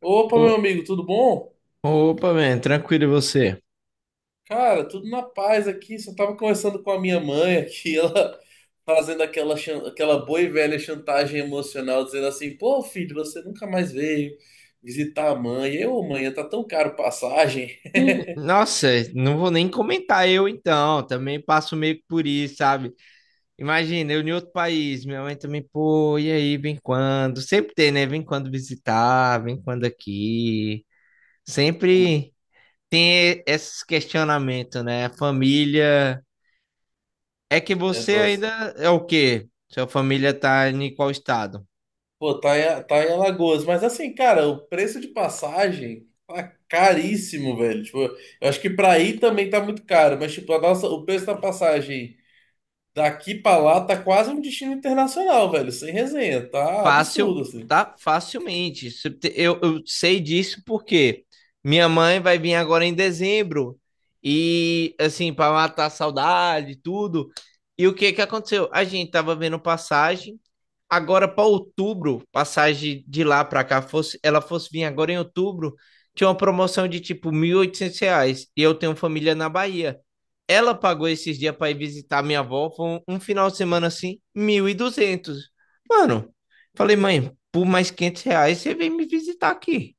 Opa, meu O- amigo, tudo bom? Opa, man, tranquilo e você? Cara, tudo na paz aqui. Só tava conversando com a minha mãe aqui, ela fazendo aquela boa e velha chantagem emocional, dizendo assim: pô, filho, você nunca mais veio visitar a mãe. Eu, mãe, tá tão caro passagem. Ih, nossa, não vou nem comentar eu então, também passo meio que por isso, sabe? Imagina, eu em outro país, minha mãe também, pô, e aí, vem quando? Sempre tem, né? Vem quando visitar, vem quando aqui. Pô, Sempre tem esses questionamentos, né? A família. É que é você ainda doce. é o quê? Sua família tá em qual estado? Pô, tá em Alagoas. Mas assim, cara, o preço de passagem tá caríssimo, velho. Tipo, eu acho que pra ir também tá muito caro, mas tipo, o preço da passagem. Daqui pra lá tá quase um destino internacional, velho. Sem resenha. Tá Fácil, absurdo, assim. tá? Facilmente. Se te- Eu sei disso porque minha mãe vai vir agora em dezembro e, assim, para matar a saudade e tudo. E o que que aconteceu? A gente tava vendo passagem agora para outubro, passagem de lá para cá, fosse, ela fosse vir agora em outubro, tinha uma promoção de tipo R$ 1.800. E eu tenho família na Bahia. Ela pagou esses dias para ir visitar minha avó, foi um final de semana assim, 1.200. Mano, falei, mãe, por mais R$ 500 você vem me visitar aqui,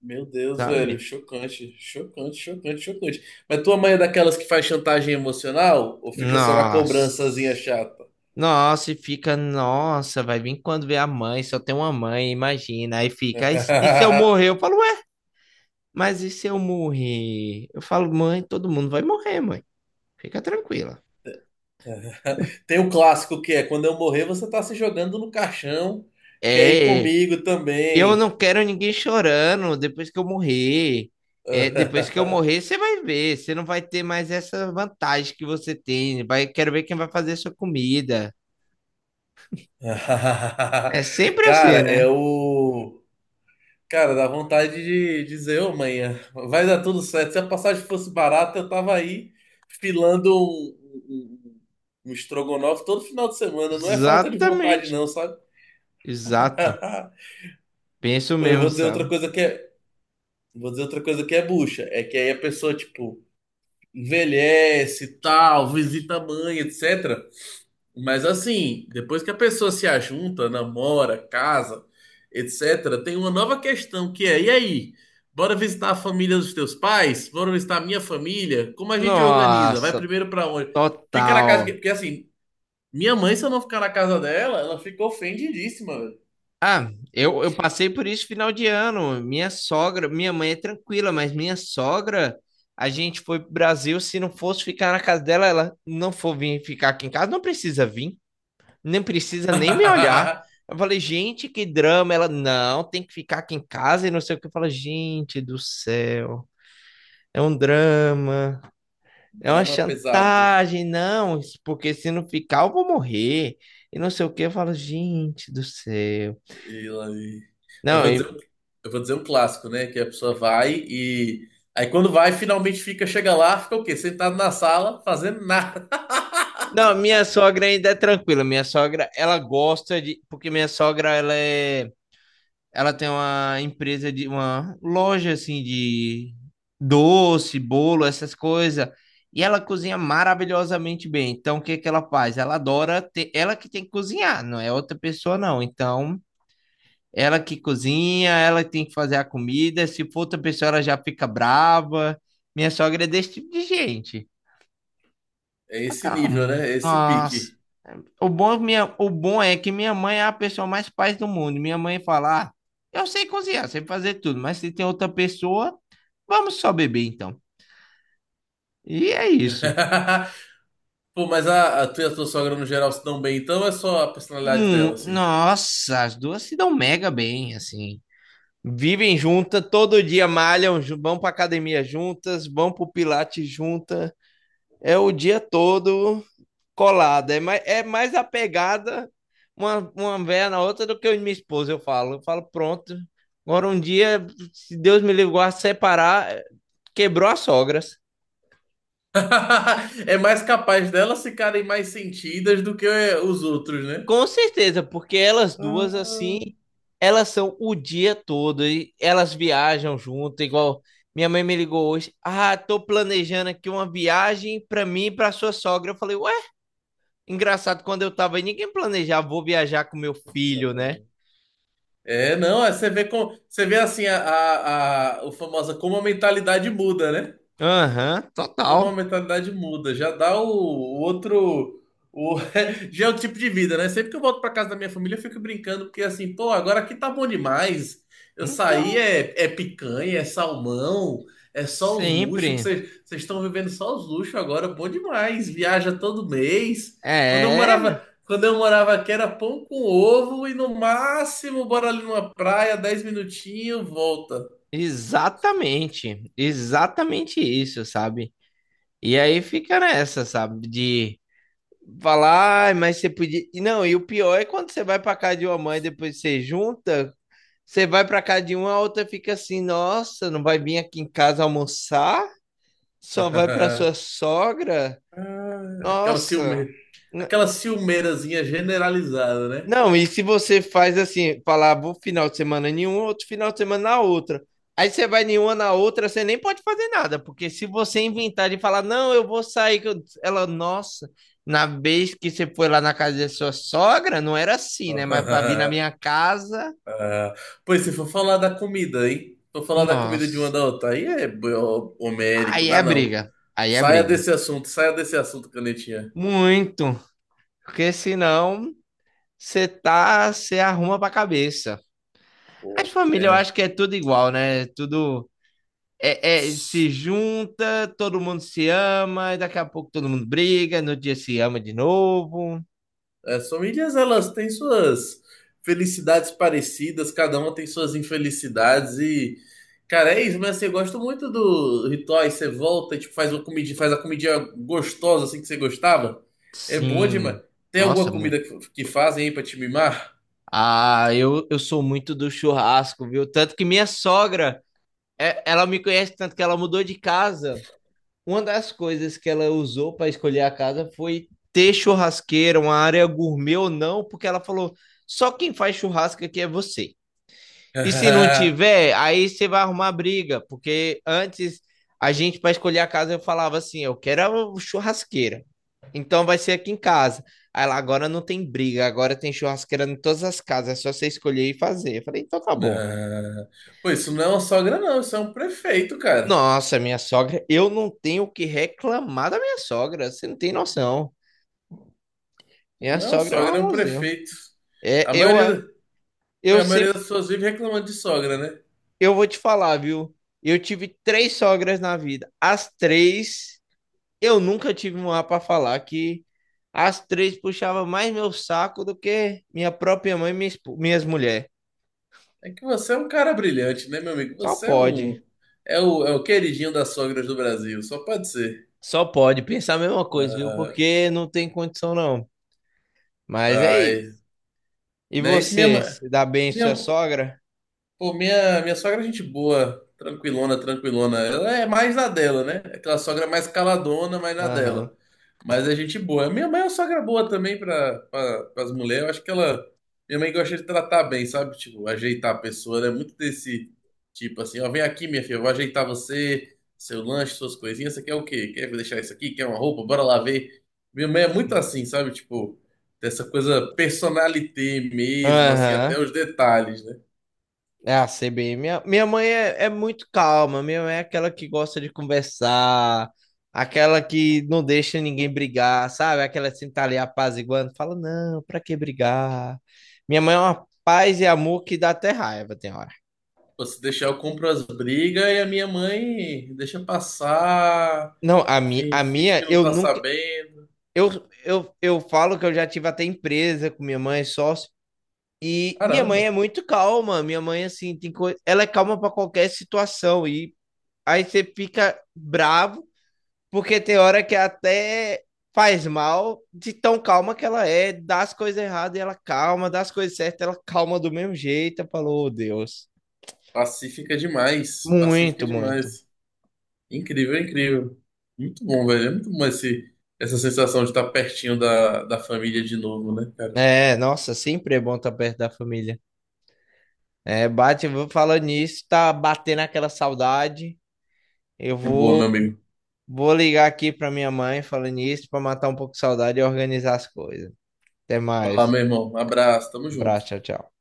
Meu Deus, velho. sabe? Chocante. Chocante, chocante, chocante. Mas tua mãe é daquelas que faz chantagem emocional? Ou fica só na cobrançazinha Nossa. chata? Nossa, e fica, nossa, vai vir quando vê a mãe, só tem uma mãe, imagina. Aí fica, aí, e se eu morrer? Eu falo, mas e se eu morrer? Eu falo, mãe, todo mundo vai morrer, mãe. Fica tranquila. Tem o clássico que é: quando eu morrer, você tá se jogando no caixão. Quer ir É, é, comigo eu não também? quero ninguém chorando depois que eu morrer. É, depois que eu morrer, você vai ver. Você não vai ter mais essa vantagem que você tem. Vai, quero ver quem vai fazer sua comida. É sempre Cara, assim, né? é o. Cara, dá vontade de dizer, ô manhã, vai dar tudo certo. Se a passagem fosse barata, eu tava aí filando um, um- um estrogonofe todo final de semana. Não é falta de vontade, Exatamente. não, sabe? Exato. Penso Pô, eu mesmo, vou dizer outra sabe? coisa que é, Vou dizer outra coisa que é bucha. É que aí a pessoa, tipo, envelhece e tal, visita a mãe, etc. Mas assim, depois que a pessoa se ajunta, namora, casa, etc., tem uma nova questão que é: e aí? Bora visitar a família dos teus pais? Bora visitar a minha família? Como a gente organiza? Vai Nossa, primeiro pra onde? Fica na casa. Que- total. Porque assim, minha mãe, se eu não ficar na casa dela, ela fica ofendidíssima, velho. Ah, eu passei por isso final de ano. Minha sogra, minha mãe é tranquila, mas minha sogra, a gente foi pro Brasil. Se não fosse ficar na casa dela, ela não for vir ficar aqui em casa, não precisa vir, nem precisa nem me olhar. Eu falei, gente, que drama. Ela, não, tem que ficar aqui em casa e não sei o que. Eu falei, gente do céu, é um drama, é uma Drama pesado. chantagem, não, isso porque se não ficar, eu vou morrer. E não sei o que. Eu falo, gente do céu. E lá- e- eu Não, vou dizer, um- eu vou dizer um clássico, né? Que a pessoa vai e. Aí quando vai, finalmente fica, chega lá, fica o quê? Sentado na sala, fazendo nada. não, minha sogra ainda é tranquila. Minha sogra, ela gosta de, porque minha sogra ela é, ela tem uma empresa de uma loja assim de doce, bolo, essas coisas. E ela cozinha maravilhosamente bem. Então, o que que ela faz? Ela adora ter, ela que tem que cozinhar, não é outra pessoa não. Então, ela que cozinha, ela tem que fazer a comida. Se for outra pessoa, ela já fica brava. Minha sogra é desse tipo de gente. É Tá esse nível, calmo. né? É esse Nossa. pique. O bom, é minha, o bom é que minha mãe é a pessoa mais paz do mundo. Minha mãe fala: ah, eu sei cozinhar, sei fazer tudo, mas se tem outra pessoa, vamos só beber então. E é isso. Pô, mas a tua e a tua sogra no geral se dão bem, então ou é só a personalidade dela, assim. Nossa, as duas se dão mega bem, assim. Vivem juntas, todo dia malham, vão pra academia juntas, vão pro Pilates juntas. É o dia todo colada. É mais apegada uma véia na outra do que eu e minha esposa, eu falo. Eu falo, pronto. Agora um dia, se Deus me livrar, separar, quebrou as sogras. É mais capaz delas ficarem mais sentidas do que os outros, né? Com certeza, porque elas duas, Ah. assim, elas são o dia todo e elas viajam junto, igual minha mãe me ligou hoje. Ah, tô planejando aqui uma viagem pra mim e pra sua sogra. Eu falei, ué, engraçado, quando eu tava aí, ninguém planejava, vou viajar com meu filho, né? É, não, é, você vê você vê assim a o famosa como a mentalidade muda, né? Aham, Como a total. mentalidade muda, já dá o outro. O, já é o tipo de vida, né? Sempre que eu volto pra casa da minha família, eu fico brincando, porque assim, pô, agora aqui tá bom demais. Então, É picanha, é salmão, é só os luxos, que sempre. vocês estão vivendo só os luxos agora, bom demais. Viaja todo mês. É, Quando eu morava aqui era pão com ovo e no máximo, bora ali numa praia, 10 minutinhos, volta. exatamente. Exatamente isso, sabe? E aí fica nessa, sabe? De falar, "Ai, mas você podia. E não, e o pior é quando você vai pra casa de uma mãe depois você junta, você vai pra casa de uma, a outra fica assim, nossa, não vai vir aqui em casa almoçar? Só vai pra sua sogra? Ah, aquela Nossa. ciume, aquela ciumeirazinha generalizada, né? Não, e se você faz assim, falar, vou final de semana em um, outro final de semana na outra. Aí você vai em uma na outra, você nem pode fazer nada, porque se você inventar de falar, não, eu vou sair, ela, nossa, na vez que você foi lá na casa da sua sogra, não era assim, né? Mas para vir na minha casa, Ah, pois se for falar da comida, hein? Se for falar da comida de uma nossa, da outra, homérico, aí dá é não. briga, aí é briga. Saia desse assunto, canetinha. Muito, porque senão você tá, você arruma pra cabeça. As Pô, famílias, eu é. acho que é tudo igual, né? É tudo. É, é, se junta, todo mundo se ama, e daqui a pouco todo mundo briga, no dia se ama de novo. As famílias, elas têm suas felicidades parecidas, cada uma tem suas infelicidades e. Cara, é isso, mas assim, eu gosto muito do ritual. Você volta, e, tipo, faz uma comidinha, faz a comidinha gostosa assim que você gostava. É bom demais. Sim, Tem nossa, alguma muito. comida que fazem aí pra te mimar? Ah, eu sou muito do churrasco, viu? Tanto que minha sogra, ela me conhece tanto que ela mudou de casa. Uma das coisas que ela usou para escolher a casa foi ter churrasqueira, uma área gourmet ou não, porque ela falou: só quem faz churrasco aqui é você. E se não tiver, aí você vai arrumar briga, porque antes a gente, para escolher a casa, eu falava assim: eu quero a churrasqueira, então vai ser aqui em casa. Aí lá agora não tem briga, agora tem churrasqueira em todas as casas, é só você escolher e fazer. Eu falei: então tá bom. Não. Pô, isso não é uma sogra, não. Isso é um prefeito, cara. Nossa, minha sogra, eu não tenho o que reclamar da minha sogra, você não tem noção. Minha Não é uma sogra é um sogra, é um amorzinho. prefeito. A É, maioria, pô, eu a sempre, maioria das pessoas vive reclamando de sogra, né? eu vou te falar, viu? Eu tive três sogras na vida, as três eu nunca tive uma para falar que as três puxavam mais meu saco do que minha própria mãe e minha minhas mulheres. É que você é um cara brilhante, né, meu amigo? Só Você é pode. um. É o queridinho das sogras do Brasil, só pode ser. Só pode pensar a mesma coisa, viu? Porque não tem condição, não. Mas é isso. Ai, E né? Isso minha você, mãe. se dá bem em sua Minha sogra? Pô, minha sogra é gente boa, tranquilona, tranquilona. Ela é mais na dela, né? Aquela sogra mais caladona, mais na Aham. dela. Mas é gente boa. Minha mãe é uma sogra boa também pra as mulheres. Eu acho que ela. Minha mãe gosta de tratar bem, sabe? Tipo, ajeitar a pessoa, né? Muito desse tipo assim: ó, vem aqui, minha filha, eu vou ajeitar você, seu lanche, suas coisinhas. Você quer o quê? Quer deixar isso aqui? Quer uma roupa? Bora lá ver. Minha mãe é muito assim, sabe? Tipo, dessa coisa personalité mesmo, assim, Aham. até os detalhes, né? É a CBN. Minha mãe é, muito calma. Minha mãe é aquela que gosta de conversar, aquela que não deixa ninguém brigar, sabe? Aquela que sempre tá ali apaziguando, fala, não, pra que brigar? Minha mãe é uma paz e amor que dá até raiva, tem hora. Pô, se deixar, eu compro as brigas e a minha mãe deixa passar, Não, a, a finge minha, que não eu tá nunca. sabendo. Eu, eu falo que eu já tive até empresa com minha mãe, sócio. E minha mãe Caramba, é muito calma. Minha mãe, assim, tem coisa. Ela é calma pra qualquer situação. E aí você fica bravo, porque tem hora que até faz mal de tão calma que ela é, dá as coisas erradas e ela calma, dá as coisas certas, ela calma do mesmo jeito. Eu falo, oh, Deus. pacífica demais, pacífica Muito, muito. demais. Incrível, incrível. Muito bom, velho. É muito bom essa sensação de estar pertinho da família de novo, né, cara? É, nossa, sempre é bom estar perto da família. É, bate, vou falando nisso, tá batendo aquela saudade. Eu Boa, vou, meu amigo. vou ligar aqui pra minha mãe falando nisso, pra matar um pouco de saudade e organizar as coisas. Até Vai lá, mais. meu irmão. Abraço, tamo junto. Abraço, tchau, tchau.